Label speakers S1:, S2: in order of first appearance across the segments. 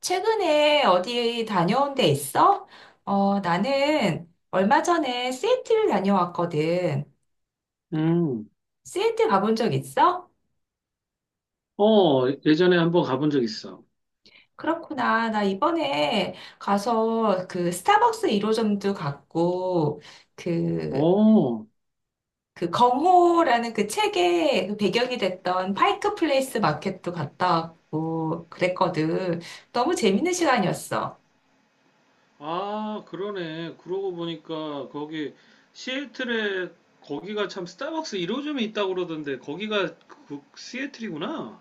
S1: 최근에 어디 다녀온 데 있어? 나는 얼마 전에 시애틀 다녀왔거든.
S2: 음,
S1: 시애틀 가본 적 있어?
S2: 어, 예전에 한번 가본 적 있어.
S1: 그렇구나. 나 이번에 가서 그 스타벅스 1호점도 갔고, 그,
S2: 어,
S1: 그 경호라는 그 책의 그 배경이 됐던 파이크 플레이스 마켓도 갔다 왔고, 그랬거든. 너무 재밌는 시간이었어.
S2: 아, 그러네. 그러고 보니까 거기 시애틀에 거기가 참 스타벅스 1호점이 있다고 그러던데 거기가 그 시애틀이구나.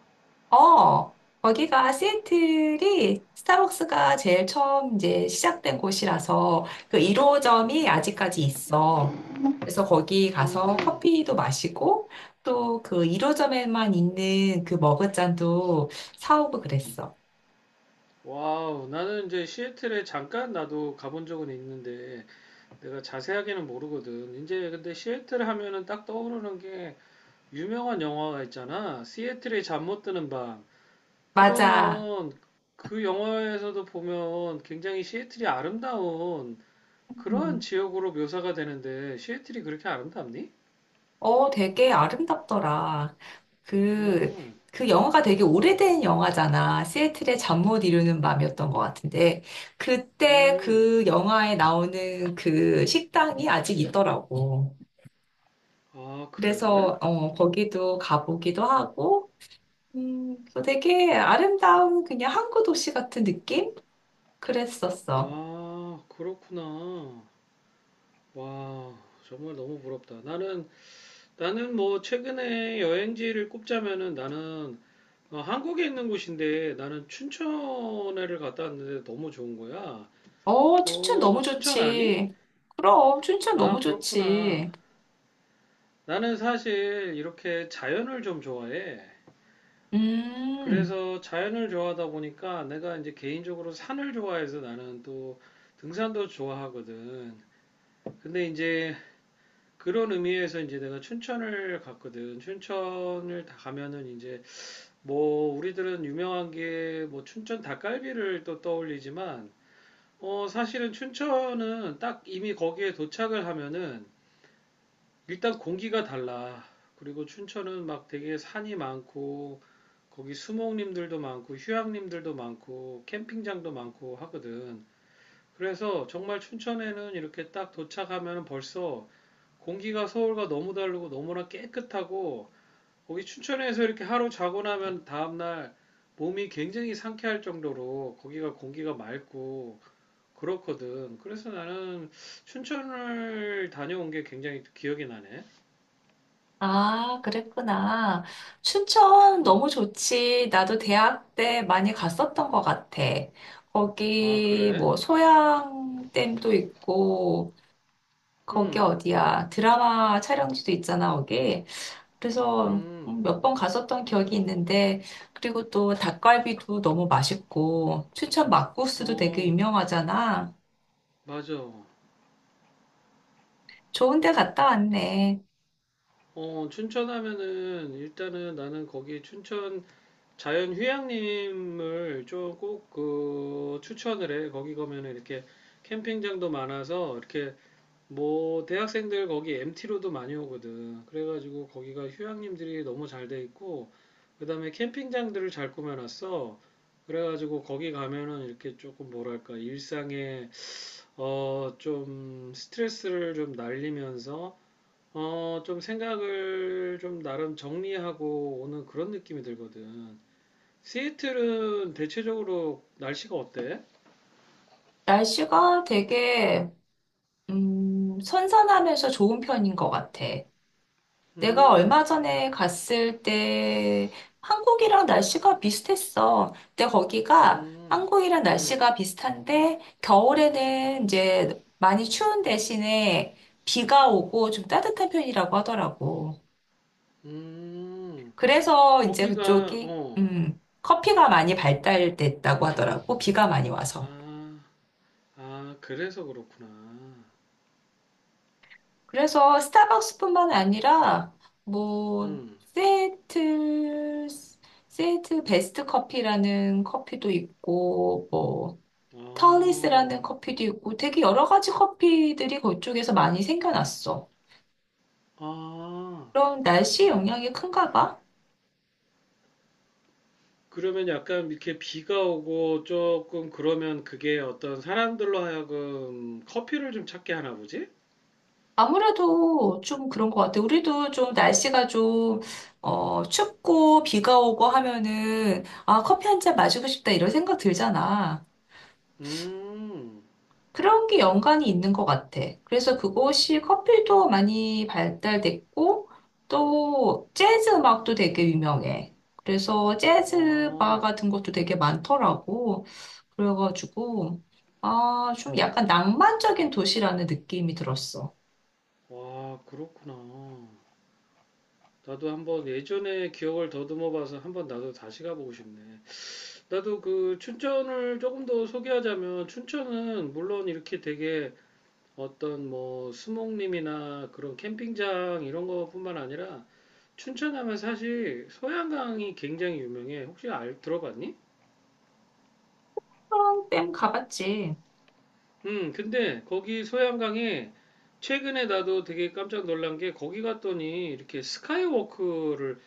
S1: 어, 거기가 시애틀이 스타벅스가 제일 처음 이제 시작된 곳이라서 그 1호점이
S2: 음,
S1: 아직까지 있어. 그래서 거기 가서
S2: 음,
S1: 커피도 마시고 또 그 1호점에만 있는 그 머그잔도 사오고 그랬어.
S2: 와우. 나는 이제 시애틀에 잠깐 나도 가본 적은 있는데 내가 자세하게는 모르거든. 이제 근데 시애틀 하면은 딱 떠오르는 게 유명한 영화가 있잖아. 시애틀의 잠 못 드는 밤.
S1: 맞아.
S2: 그러면 그 영화에서도 보면 굉장히 시애틀이 아름다운 그러한
S1: 음.
S2: 지역으로 묘사가 되는데 시애틀이 그렇게 아름답니?
S1: 되게 아름답더라. 그,
S2: 음,
S1: 그 영화가 되게 오래된 영화잖아. 시애틀의 잠 못 이루는 밤이었던 것 같은데, 그때
S2: 음,
S1: 그 영화에 나오는 그 식당이 아직 있더라고.
S2: 아, 그래?
S1: 그래서, 거기도 가보기도 하고, 그 되게 아름다운 그냥 항구 도시 같은 느낌? 그랬었어.
S2: 아, 그렇구나. 와, 정말 너무 부럽다. 나는 뭐 최근에 여행지를 꼽자면은 나는 어, 한국에 있는 곳인데 나는 춘천에를 갔다 왔는데 너무 좋은 거야.
S1: 어, 춘천 너무
S2: 어, 춘천 아니?
S1: 좋지. 그럼, 춘천 너무
S2: 아, 그렇구나.
S1: 좋지.
S2: 나는 사실 이렇게 자연을 좀 좋아해.
S1: 음.
S2: 그래서 자연을 좋아하다 보니까 내가 이제 개인적으로 산을 좋아해서 나는 또 등산도 좋아하거든. 근데 이제 그런 의미에서 이제 내가 춘천을 갔거든. 춘천을 다 가면은 이제 뭐 우리들은 유명한 게 뭐 춘천 닭갈비를 또 떠올리지만 어 사실은 춘천은 딱 이미 거기에 도착을 하면은 일단 공기가 달라. 그리고 춘천은 막 되게 산이 많고 거기 수목님들도 많고 휴양님들도 많고 캠핑장도 많고 하거든. 그래서 정말 춘천에는 이렇게 딱 도착하면 벌써 공기가 서울과 너무 다르고 너무나 깨끗하고 거기 춘천에서 이렇게 하루 자고 나면 다음날 몸이 굉장히 상쾌할 정도로 거기가 공기가 맑고 그렇거든. 그래서 나는 춘천을 다녀온 게 굉장히 기억이 나네.
S1: 아, 그랬구나. 춘천 너무
S2: 음.
S1: 좋지. 나도 대학 때 많이 갔었던 것 같아.
S2: 아,
S1: 거기
S2: 그래?
S1: 뭐 소양댐도 있고 거기
S2: 음,
S1: 어디야? 드라마 촬영지도 있잖아, 거기. 그래서
S2: 음,
S1: 몇번 갔었던 기억이 있는데 그리고 또 닭갈비도 너무 맛있고 춘천 막국수도 되게
S2: 어,
S1: 유명하잖아.
S2: 맞아.
S1: 좋은 데 갔다 왔네.
S2: 어, 춘천 하면은 일단은 나는 거기 춘천 자연휴양림을 좀 꼭 그 추천을 해. 거기 가면은 이렇게 캠핑장도 많아서 이렇게 뭐 대학생들 거기 MT로도 많이 오거든. 그래가지고 거기가 휴양림들이 너무 잘 돼 있고 그다음에 캠핑장들을 잘 꾸며놨어. 그래가지고 거기 가면은 이렇게 조금 뭐랄까 일상의 어, 좀 스트레스를 좀 날리면서 어, 좀 생각을 좀 나름 정리하고 오는 그런 느낌이 들거든. 시애틀은 대체적으로 날씨가 어때?
S1: 날씨가 되게 선선하면서 좋은 편인 것 같아. 내가
S2: 음,
S1: 얼마 전에 갔을 때 한국이랑 날씨가 비슷했어. 근데 거기가
S2: 음,
S1: 한국이랑
S2: 음,
S1: 날씨가 비슷한데 겨울에는 이제 많이 추운 대신에 비가 오고 좀 따뜻한 편이라고 하더라고.
S2: 음.
S1: 그래서 이제
S2: 거기가
S1: 그쪽이
S2: 어,
S1: 커피가 많이 발달됐다고 하더라고. 비가 많이 와서.
S2: 아, 아, 그래서 그렇구나.
S1: 그래서 스타벅스뿐만 아니라 뭐
S2: 음,
S1: 세틀 세틀 베스트 커피라는 커피도 있고 뭐
S2: 어,
S1: 털리스라는 커피도 있고 되게 여러 가지 커피들이 그쪽에서 많이 생겨났어.
S2: 아.
S1: 그럼 날씨 영향이 큰가 봐?
S2: 그러면 약간 이렇게 비가 오고 조금 그러면 그게 어떤 사람들로 하여금 커피를 좀 찾게 하나 보지?
S1: 아무래도 좀 그런 것 같아. 우리도 좀 날씨가 좀, 춥고 비가 오고 하면은, 아, 커피 한 잔 마시고 싶다 이런 생각 들잖아.
S2: 음,
S1: 그런 게 연관이 있는 것 같아. 그래서 그곳이 커피도 많이 발달됐고, 또 재즈 음악도 되게 유명해. 그래서 재즈 바
S2: 아,
S1: 같은 것도 되게 많더라고. 그래가지고, 아, 좀 약간 낭만적인 도시라는 느낌이 들었어.
S2: 와, 그렇구나. 나도 한번 예전에 기억을 더듬어 봐서 한번 나도 다시 가보고 싶네. 나도 그 춘천을 조금 더 소개하자면 춘천은 물론 이렇게 되게 어떤 뭐 수목림이나 그런 캠핑장 이런 것뿐만 아니라 춘천 하면 사실 소양강이 굉장히 유명해. 혹시 알 들어봤니?
S1: 그럼 가봤지.
S2: 근데 거기 소양강에 최근에 나도 되게 깜짝 놀란 게 거기 갔더니 이렇게 스카이워크를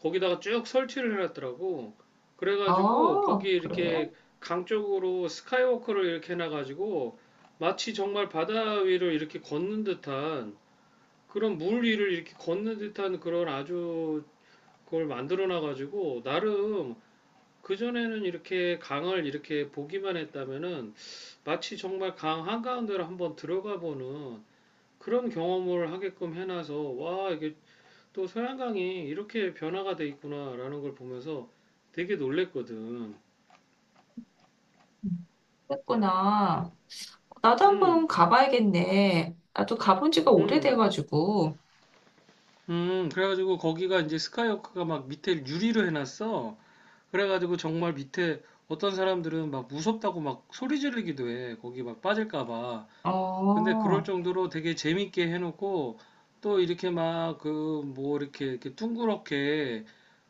S2: 거기다가 쭉 설치를 해놨더라고. 그래가지고 거기
S1: 아, 그래?
S2: 이렇게 강 쪽으로 스카이워크를 이렇게 해놔가지고 마치 정말 바다 위를 이렇게 걷는 듯한 그런 물 위를 이렇게 걷는 듯한 그런 아주 그걸 만들어 놔 가지고 나름 그전에는 이렇게 강을 이렇게 보기만 했다면은 마치 정말 강 한가운데로 한번 들어가 보는 그런 경험을 하게끔 해놔서 와 이게 또 소양강이 이렇게 변화가 돼 있구나라는 걸 보면서 되게 놀랬거든.
S1: 그랬구나. 나도 한번
S2: 음,
S1: 가봐야겠네. 나도 가본 지가
S2: 음,
S1: 오래돼가지고.
S2: 그래가지고 거기가 이제 스카이워크가 막 밑에 유리로 해놨어. 그래가지고 정말 밑에 어떤 사람들은 막 무섭다고 막 소리 지르기도 해. 거기 막 빠질까 봐. 근데 그럴
S1: 어.
S2: 정도로 되게 재밌게 해놓고 또 이렇게 막 그 뭐 이렇게 둥그렇게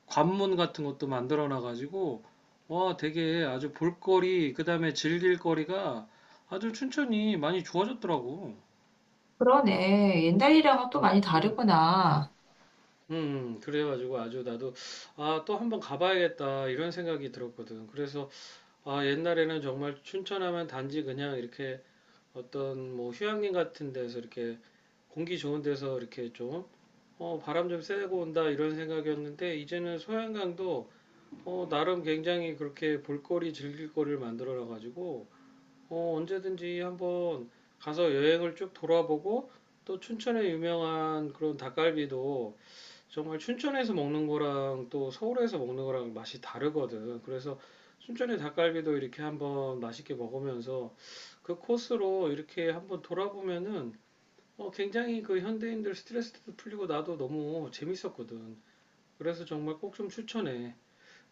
S2: 관문 같은 것도 만들어 놔가지고 와 되게 아주 볼거리 그다음에 즐길 거리가 아주 춘천이 많이 좋아졌더라고.
S1: 그러네. 옛날이랑은 또 많이
S2: 음,
S1: 다르구나.
S2: 그래가지고 아주 나도 아 또 한번 가봐야겠다 이런 생각이 들었거든. 그래서 아, 옛날에는 정말 춘천하면 단지 그냥 이렇게 어떤 뭐 휴양림 같은 데서 이렇게 공기 좋은 데서 이렇게 좀 어, 바람 좀 쐬고 온다 이런 생각이었는데 이제는 소양강도 어, 나름 굉장히 그렇게 볼거리 즐길 거리를 만들어 가지고 어, 언제든지 한번 가서 여행을 쭉 돌아보고 또 춘천의 유명한 그런 닭갈비도 정말 춘천에서 먹는 거랑 또 서울에서 먹는 거랑 맛이 다르거든. 그래서 춘천의 닭갈비도 이렇게 한번 맛있게 먹으면서 그 코스로 이렇게 한번 돌아보면은 어, 굉장히 그 현대인들 스트레스도 풀리고 나도 너무 재밌었거든. 그래서 정말 꼭 좀 추천해.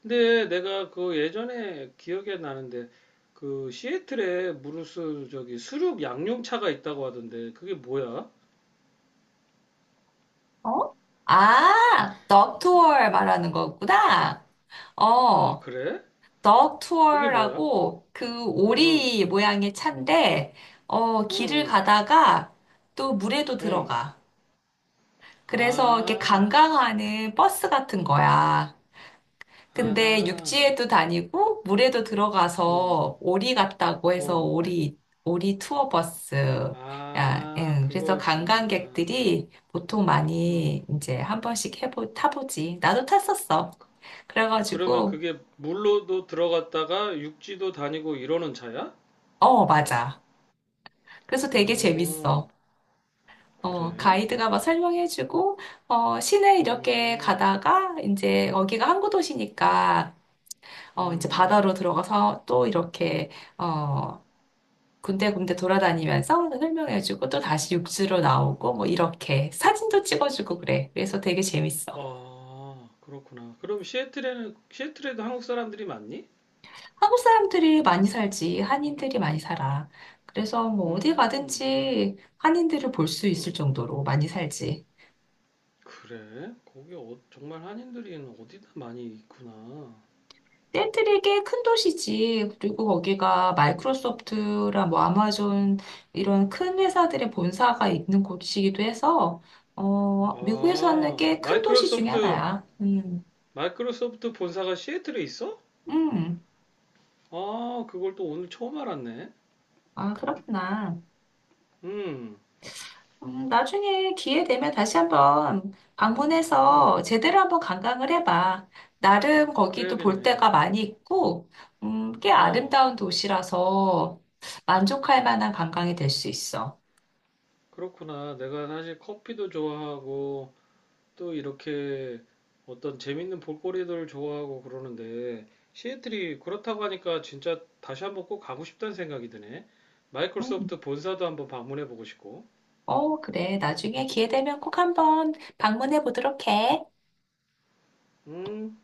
S2: 근데 내가 그 예전에 기억이 나는데 그 시애틀에 무르스 저기 수륙 양용차가 있다고 하던데 그게 뭐야?
S1: 어? 아, 덕 투어 말하는 거구나.
S2: 아,
S1: 어,
S2: 그래?
S1: 덕
S2: 그게 뭐야?
S1: 투어라고 그
S2: 응,
S1: 오리 모양의 차인데, 길을
S2: 응,
S1: 가다가 또 물에도
S2: 응, 응.
S1: 들어가. 그래서 이렇게
S2: 아,
S1: 관광하는 버스 같은 거야. 근데
S2: 아하,
S1: 육지에도 다니고 물에도
S2: 어,
S1: 들어가서 오리 같다고 해서
S2: 어,
S1: 오리 투어 버스 야,
S2: 아,
S1: 응. 그래서
S2: 그거였구나.
S1: 관광객들이 보통
S2: 음,
S1: 많이 이제 한 번씩 해보 타보지. 나도 탔었어.
S2: 그러면
S1: 그래가지고
S2: 그게 물로도 들어갔다가 육지도 다니고 이러는 차야?
S1: 어 맞아. 그래서 되게
S2: 오,
S1: 재밌어.
S2: 그래?
S1: 가이드가 막 설명해주고, 시내 이렇게
S2: 음,
S1: 가다가, 이제, 여기가 항구 도시니까, 이제
S2: 음,
S1: 바다로 들어가서 또 이렇게, 어, 군데군데 돌아다니면서 설명해주고 또 다시 육지로 나오고 뭐 이렇게 사진도 찍어주고 그래. 그래서 되게 재밌어.
S2: 아, 그렇구나. 그럼 시애틀에도 한국 사람들이 많니?
S1: 한국 사람들이 많이 살지. 한인들이 많이 살아. 그래서 뭐 어디
S2: 음,
S1: 가든지 한인들을 볼 수 있을
S2: 음,
S1: 정도로 많이 살지.
S2: 그래? 거기 어, 정말 한인들이 어디다 많이 있구나.
S1: 샌들이 꽤 큰 도시지. 그리고 거기가 마이크로소프트랑 뭐 아마존 이런 큰 회사들의 본사가 있는 곳이기도 해서 미국에서 하는
S2: 아,
S1: 꽤 큰 도시 중에
S2: 마이크로소프트
S1: 하나야.
S2: 마이크로소프트 본사가 시애틀에 있어?
S1: 음.
S2: 아, 그걸 또 오늘 처음 알았네.
S1: 아, 그렇구나.
S2: 음,
S1: 나중에 기회 되면 다시 한번 방문해서
S2: 음,
S1: 제대로 한번 관광을 해봐. 나름 거기도 볼
S2: 그래야겠네.
S1: 데가 많이 있고, 꽤
S2: 어,
S1: 아름다운 도시라서 만족할 만한 관광이 될 수 있어.
S2: 그렇구나. 내가 사실 커피도 좋아하고 또 이렇게 어떤 재밌는 볼거리들 좋아하고 그러는데 시애틀이 그렇다고 하니까 진짜 다시 한번 꼭 가고 싶다는 생각이 드네.
S1: 음,
S2: 마이크로소프트 본사도 한번 방문해 보고 싶고.
S1: 어, 그래. 나중에 기회 되면 꼭 한번 방문해 보도록 해.
S2: 음,